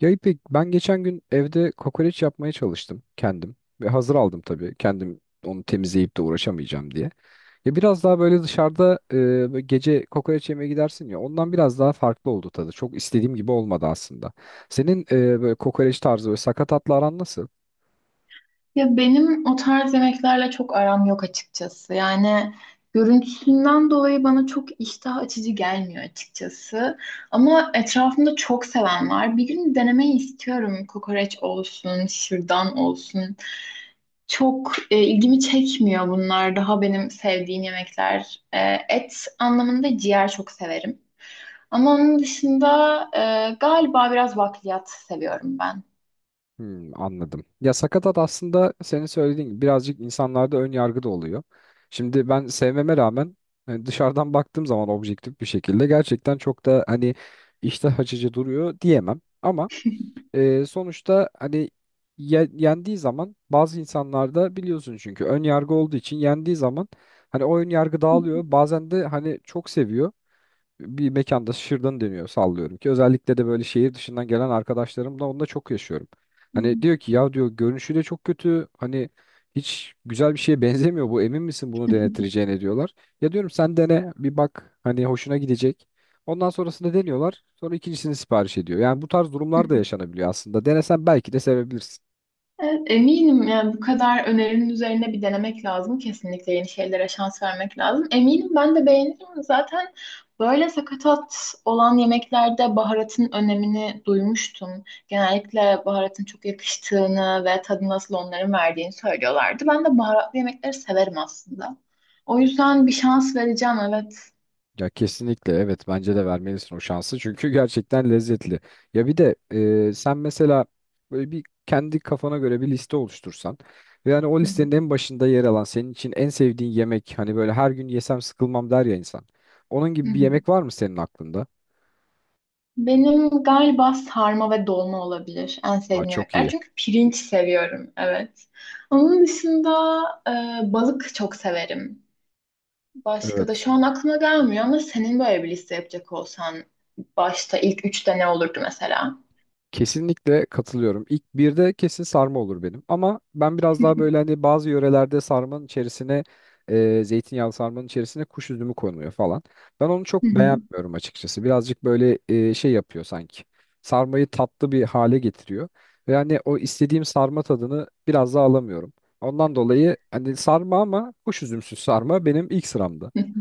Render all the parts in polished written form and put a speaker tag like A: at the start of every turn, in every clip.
A: Ya İpek, ben geçen gün evde kokoreç yapmaya çalıştım kendim. Ve hazır aldım tabii. Kendim onu temizleyip de uğraşamayacağım diye. Ya biraz daha böyle dışarıda böyle gece kokoreç yemeye gidersin ya ondan biraz daha farklı oldu tadı. Çok istediğim gibi olmadı aslında. Senin böyle kokoreç tarzı böyle sakatatla aran nasıl?
B: Ya benim o tarz yemeklerle çok aram yok açıkçası. Yani görüntüsünden dolayı bana çok iştah açıcı gelmiyor açıkçası. Ama etrafımda çok seven var. Bir gün denemeyi istiyorum. Kokoreç olsun, şırdan olsun. Çok ilgimi çekmiyor bunlar. Daha benim sevdiğim yemekler. Et anlamında ciğer çok severim. Ama onun dışında galiba biraz bakliyat seviyorum ben.
A: Hmm, anladım. Ya sakatat aslında senin söylediğin gibi birazcık insanlarda ön yargı da oluyor. Şimdi ben sevmeme rağmen hani dışarıdan baktığım zaman objektif bir şekilde gerçekten çok da hani iştah açıcı duruyor diyemem. Ama sonuçta hani yendiği zaman bazı insanlarda biliyorsun çünkü ön yargı olduğu için yendiği zaman hani o ön yargı dağılıyor. Bazen de hani çok seviyor bir mekanda şırdan deniyor sallıyorum ki özellikle de böyle şehir dışından gelen arkadaşlarımla onunla çok yaşıyorum. Hani diyor ki ya diyor görünüşü de çok kötü hani hiç güzel bir şeye benzemiyor bu emin misin bunu denetireceğine diyorlar. Ya diyorum sen dene bir bak hani hoşuna gidecek. Ondan sonrasında deniyorlar sonra ikincisini sipariş ediyor. Yani bu tarz durumlar da yaşanabiliyor aslında denesen belki de sevebilirsin.
B: Evet, eminim yani bu kadar önerinin üzerine bir denemek lazım. Kesinlikle yeni şeylere şans vermek lazım. Eminim ben de beğenirim. Zaten böyle sakatat olan yemeklerde baharatın önemini duymuştum. Genellikle baharatın çok yakıştığını ve tadı nasıl onların verdiğini söylüyorlardı. Ben de baharatlı yemekleri severim aslında. O yüzden bir şans vereceğim, evet.
A: Ya kesinlikle evet bence de vermelisin o şansı çünkü gerçekten lezzetli. Ya bir de sen mesela böyle bir kendi kafana göre bir liste oluştursan ve yani o
B: Hı hı.
A: listenin en başında yer alan senin için en sevdiğin yemek hani böyle her gün yesem sıkılmam der ya insan. Onun
B: Hı
A: gibi bir
B: hı.
A: yemek var mı senin aklında?
B: Benim galiba sarma ve dolma olabilir en
A: Aa,
B: sevdiğim
A: çok
B: yemekler.
A: iyi.
B: Çünkü pirinç seviyorum, evet. Onun dışında balık çok severim. Başka da
A: Evet.
B: şu an aklıma gelmiyor ama senin böyle bir liste yapacak olsan başta ilk üçte ne olurdu mesela?
A: Kesinlikle katılıyorum. İlk birde kesin sarma olur benim. Ama ben biraz daha böyle hani bazı yörelerde sarmanın içerisine zeytinyağlı sarmanın içerisine kuş üzümü konuyor falan. Ben onu çok
B: Hı
A: beğenmiyorum açıkçası. Birazcık böyle şey yapıyor sanki. Sarmayı tatlı bir hale getiriyor. Ve hani o istediğim sarma tadını biraz daha alamıyorum. Ondan dolayı hani sarma ama kuş üzümsüz sarma benim ilk sıramda.
B: hı.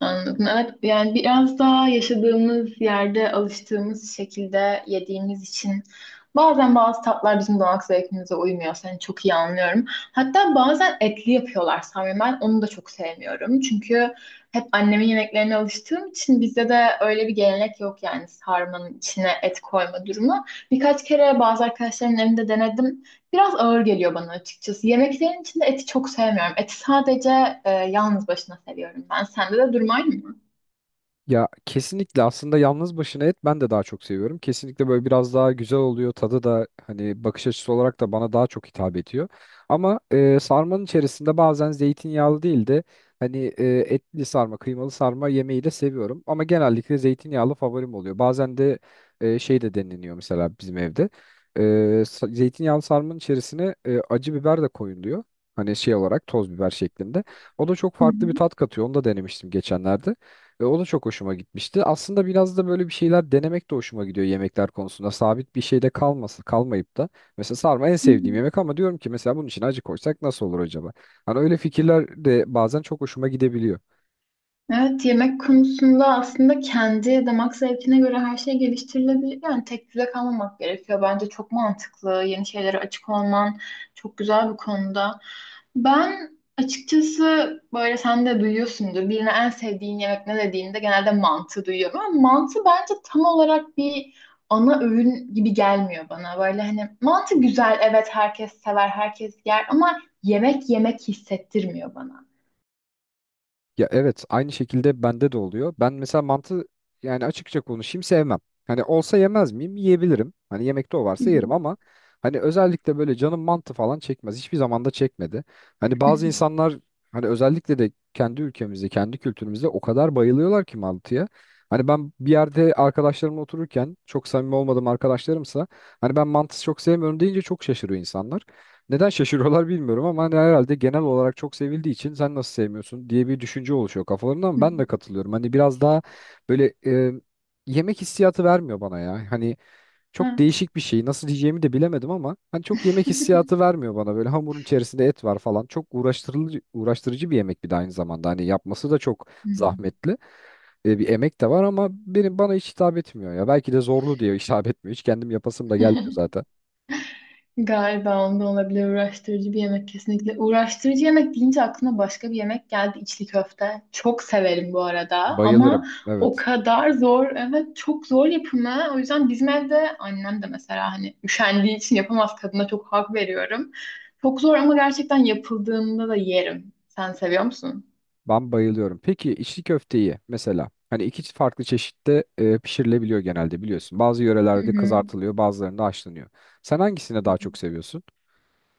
B: Anladım. Evet, yani biraz daha yaşadığımız yerde alıştığımız şekilde yediğimiz için bazen bazı tatlar bizim damak zevkimize uymuyor. Seni çok iyi anlıyorum. Hatta bazen etli yapıyorlar sanırım. Ben onu da çok sevmiyorum. Çünkü hep annemin yemeklerine alıştığım için bizde de öyle bir gelenek yok yani sarmanın içine et koyma durumu. Birkaç kere bazı arkadaşlarımın evinde denedim. Biraz ağır geliyor bana açıkçası. Yemeklerin içinde eti çok sevmiyorum. Eti sadece yalnız başına seviyorum ben. Sende de durum aynı mı?
A: Ya kesinlikle aslında yalnız başına et ben de daha çok seviyorum. Kesinlikle böyle biraz daha güzel oluyor. Tadı da hani bakış açısı olarak da bana daha çok hitap ediyor. Ama sarmanın içerisinde bazen zeytinyağlı değil de hani etli sarma, kıymalı sarma yemeği de seviyorum. Ama genellikle zeytinyağlı favorim oluyor. Bazen de şey de deniliyor mesela bizim evde. E, zeytinyağlı sarmanın içerisine acı biber de koyuluyor. Hani şey olarak toz biber şeklinde. O da çok
B: Hı
A: farklı bir
B: hı.
A: tat katıyor. Onu da denemiştim geçenlerde. Ve o da çok hoşuma gitmişti. Aslında biraz da böyle bir şeyler denemek de hoşuma gidiyor yemekler konusunda. Sabit bir şeyde kalması, kalmayıp da. Mesela sarma en
B: Hı
A: sevdiğim
B: hı.
A: yemek ama diyorum ki mesela bunun için acı koysak nasıl olur acaba? Hani öyle fikirler de bazen çok hoşuma gidebiliyor.
B: Evet, yemek konusunda aslında kendi damak zevkine göre her şey geliştirilebilir. Yani tek düze kalmamak gerekiyor. Bence çok mantıklı. Yeni şeylere açık olman çok güzel bir konuda. Ben açıkçası böyle sen de duyuyorsundur. Birine en sevdiğin yemek ne dediğinde genelde mantı duyuyorum. Ama mantı bence tam olarak bir ana öğün gibi gelmiyor bana. Böyle hani mantı güzel, evet herkes sever, herkes yer ama yemek yemek hissettirmiyor bana.
A: Ya evet aynı şekilde bende de oluyor. Ben mesela mantı yani açıkça konuşayım sevmem. Hani olsa yemez miyim? Yiyebilirim. Hani yemekte o varsa yerim ama hani özellikle böyle canım mantı falan çekmez. Hiçbir zaman da çekmedi. Hani bazı insanlar hani özellikle de kendi ülkemizde, kendi kültürümüzde o kadar bayılıyorlar ki mantıya. Hani ben bir yerde arkadaşlarımla otururken çok samimi olmadığım arkadaşlarımsa hani ben mantısı çok sevmiyorum deyince çok şaşırıyor insanlar. Neden şaşırıyorlar bilmiyorum ama hani herhalde genel olarak çok sevildiği için sen nasıl sevmiyorsun diye bir düşünce oluşuyor kafalarında ama ben de katılıyorum. Hani biraz daha böyle yemek hissiyatı vermiyor bana ya. Hani çok değişik bir şey nasıl diyeceğimi de bilemedim ama hani çok yemek
B: Hı
A: hissiyatı vermiyor bana. Böyle hamurun içerisinde et var falan çok uğraştırıcı bir yemek bir de aynı zamanda. Hani yapması da çok
B: hı.
A: zahmetli. Bir emek de var ama benim bana hiç hitap etmiyor ya. Belki de zorlu diye hitap etmiyor hiç kendim yapasım da gelmiyor zaten.
B: Galiba onda olabilir, uğraştırıcı bir yemek kesinlikle. Uğraştırıcı yemek deyince aklıma başka bir yemek geldi: içli köfte. Çok severim bu arada
A: Bayılırım
B: ama o
A: evet.
B: kadar zor, evet çok zor yapımı. O yüzden bizim evde annem de mesela hani üşendiği için yapamaz, kadına çok hak veriyorum. Çok zor ama gerçekten yapıldığında da yerim. Sen seviyor musun?
A: Ben bayılıyorum. Peki içli köfteyi mesela hani iki farklı çeşitte pişirilebiliyor genelde biliyorsun. Bazı
B: Hı
A: yörelerde
B: hı.
A: kızartılıyor, bazılarında haşlanıyor. Sen hangisini daha çok seviyorsun?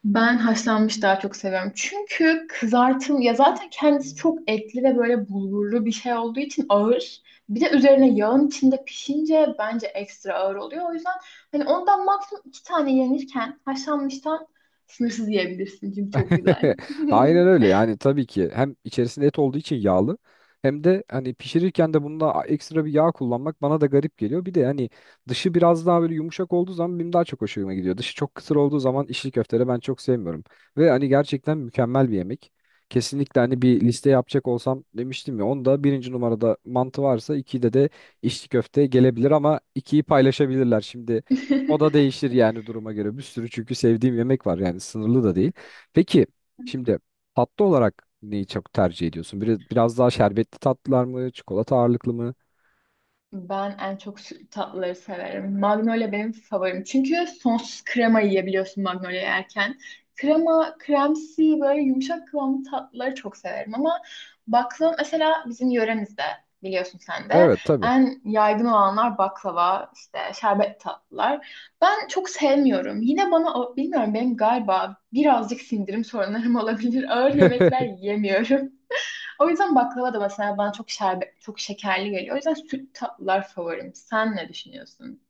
B: Ben haşlanmış daha çok seviyorum. Çünkü kızartım ya zaten kendisi çok etli ve böyle bulgurlu bir şey olduğu için ağır. Bir de üzerine yağın içinde pişince bence ekstra ağır oluyor. O yüzden hani ondan maksimum iki tane yenirken haşlanmıştan sınırsız yiyebilirsin. Çünkü çok güzel.
A: Aynen öyle yani tabii ki hem içerisinde et olduğu için yağlı hem de hani pişirirken de bunda ekstra bir yağ kullanmak bana da garip geliyor. Bir de hani dışı biraz daha böyle yumuşak olduğu zaman benim daha çok hoşuma gidiyor. Dışı çok kısır olduğu zaman içli köfteleri ben çok sevmiyorum. Ve hani gerçekten mükemmel bir yemek. Kesinlikle hani bir liste yapacak olsam demiştim ya onda birinci numarada mantı varsa ikide de içli köfte gelebilir ama ikiyi paylaşabilirler. Şimdi o da değişir yani duruma göre bir sürü çünkü sevdiğim yemek var yani sınırlı da değil. Peki şimdi tatlı olarak neyi çok tercih ediyorsun? Biraz daha şerbetli tatlılar mı, çikolata ağırlıklı mı?
B: Ben en çok tatlıları severim. Magnolia benim favorim. Çünkü sonsuz krema yiyebiliyorsun Magnolia yerken. Krema, kremsi böyle yumuşak kıvamlı tatlıları çok severim. Ama baklava mesela bizim yöremizde biliyorsun sen de.
A: Evet tabii.
B: En yaygın olanlar baklava, işte şerbet tatlılar. Ben çok sevmiyorum. Yine bana, bilmiyorum benim galiba birazcık sindirim sorunlarım olabilir. Ağır yemekler yiyemiyorum. O yüzden baklava da mesela bana çok şerbet, çok şekerli geliyor. O yüzden süt tatlılar favorim. Sen ne düşünüyorsun?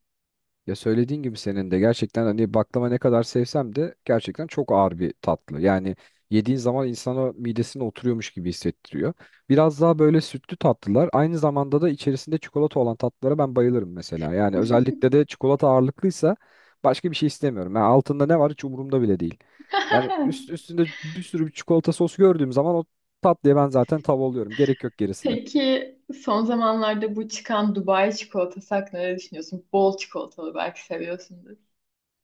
A: Ya söylediğin gibi senin de gerçekten hani baklava ne kadar sevsem de gerçekten çok ağır bir tatlı. Yani yediğin zaman insana midesine oturuyormuş gibi hissettiriyor. Biraz daha böyle sütlü tatlılar aynı zamanda da içerisinde çikolata olan tatlılara ben bayılırım mesela. Yani özellikle de çikolata ağırlıklıysa başka bir şey istemiyorum. Yani altında ne var hiç umurumda bile değil. Yani üst, üstünde bir sürü bir çikolata sos gördüğüm zaman o tatlıya ben zaten tav oluyorum. Gerek yok gerisine.
B: Peki son zamanlarda bu çıkan Dubai çikolatası hakkında ne düşünüyorsun? Bol çikolatalı, belki seviyorsundur.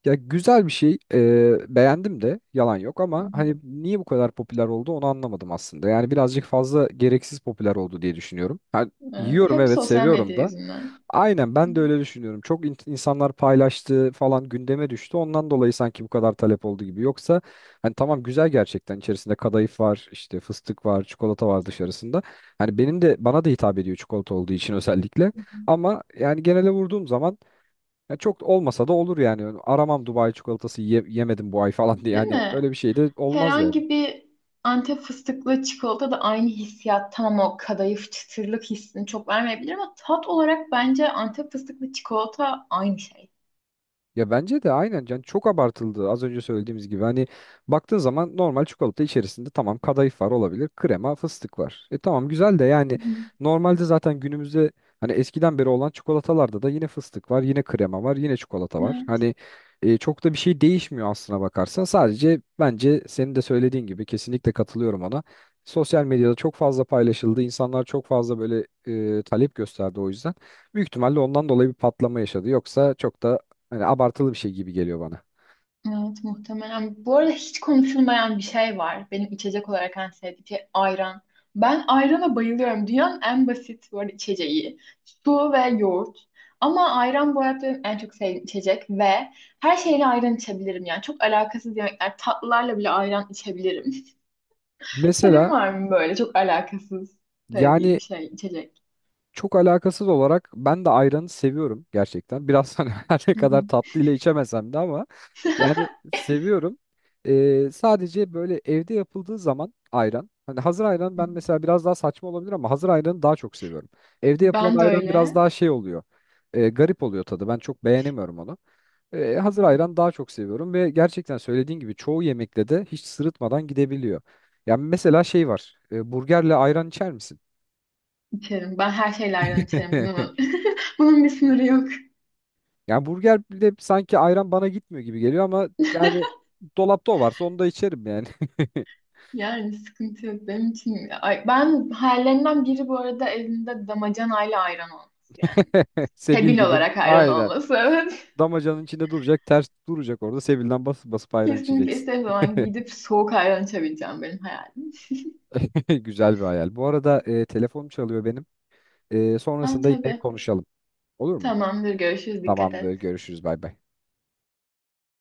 A: Ya güzel bir şey. Beğendim de yalan yok
B: Hı
A: ama
B: hı.
A: hani niye bu kadar popüler oldu onu anlamadım aslında. Yani birazcık fazla gereksiz popüler oldu diye düşünüyorum. Ha,
B: Evet,
A: yiyorum
B: hep
A: evet
B: sosyal medya
A: seviyorum da.
B: yüzünden.
A: Aynen
B: Hı hı.
A: ben de öyle düşünüyorum. Çok insanlar paylaştı falan gündeme düştü. Ondan dolayı sanki bu kadar talep oldu gibi. Yoksa hani tamam güzel gerçekten içerisinde kadayıf var, işte fıstık var, çikolata var dışarısında. Hani benim de bana da hitap ediyor çikolata olduğu için özellikle.
B: Hı hı.
A: Ama yani genele vurduğum zaman ya çok olmasa da olur yani. Aramam Dubai çikolatası yemedim bu ay falan diye.
B: Değil
A: Yani
B: mi?
A: öyle bir şey de olmaz yani.
B: Herhangi bir Antep fıstıklı çikolata da aynı hissiyat. Tamam, o kadayıf çıtırlık hissini çok vermeyebilir ama tat olarak bence Antep fıstıklı çikolata aynı şey.
A: Ya bence de aynen can çok abartıldı az önce söylediğimiz gibi hani baktığın zaman normal çikolata içerisinde tamam kadayıf var olabilir krema fıstık var. E tamam güzel de
B: Hı
A: yani
B: hı.
A: normalde zaten günümüzde hani eskiden beri olan çikolatalarda da yine fıstık var yine krema var yine çikolata var.
B: Evet.
A: Hani çok da bir şey değişmiyor aslına bakarsan sadece bence senin de söylediğin gibi kesinlikle katılıyorum ona. Sosyal medyada çok fazla paylaşıldı insanlar çok fazla böyle talep gösterdi o yüzden. Büyük ihtimalle ondan dolayı bir patlama yaşadı. Yoksa çok da hani abartılı bir şey gibi geliyor bana.
B: Evet, muhtemelen. Bu arada hiç konuşulmayan bir şey var. Benim içecek olarak en sevdiğim şey ayran. Ben ayrana bayılıyorum. Dünyanın en basit bu arada içeceği. Su ve yoğurt. Ama ayran bu hayatta benim en çok sevdiğim içecek ve her şeyle ayran içebilirim yani. Çok alakasız yemekler. Tatlılarla bile ayran içebilirim. Senin
A: Mesela
B: var mı böyle çok alakasız sevdiğin
A: yani
B: bir şey, içecek?
A: çok alakasız olarak ben de ayranı seviyorum gerçekten. Biraz hani her ne
B: Hı
A: kadar tatlı ile içemesem de ama
B: hı.
A: yani seviyorum. Sadece böyle evde yapıldığı zaman ayran. Hani hazır ayran ben mesela biraz daha saçma olabilir ama hazır ayranı daha çok seviyorum. Evde yapılan
B: Ben de
A: ayran biraz
B: öyle
A: daha şey oluyor. Garip oluyor tadı. Ben çok beğenemiyorum onu. Hazır ayran daha çok seviyorum ve gerçekten söylediğin gibi çoğu yemekle de hiç sırıtmadan gidebiliyor. Yani mesela şey var. Burgerle ayran içer misin?
B: içerim. Ben her şeyle ayran içerim. Bunun, bunun bir sınırı yok.
A: Yani burgerle sanki ayran bana gitmiyor gibi geliyor ama yani dolapta o varsa onu da içerim yani.
B: Yani sıkıntı yok benim için. Ay, ben hayallerimden biri bu arada evimde damacanayla ayran olması yani.
A: Sebil
B: Tebil
A: gibi
B: olarak ayran
A: aynen.
B: olması evet.
A: Damacanın içinde duracak, ters duracak orada. Sebil'den basıp basıp ayran
B: Kesinlikle
A: içeceksin.
B: istediğim zaman gidip soğuk ayran içebileceğim, benim hayalim.
A: Güzel bir hayal. Bu arada telefonum çalıyor benim.
B: Ha,
A: Sonrasında yine
B: tabii.
A: konuşalım. Olur mu?
B: Tamamdır, görüşürüz, dikkat
A: Tamamdır.
B: et.
A: Görüşürüz. Bay bay.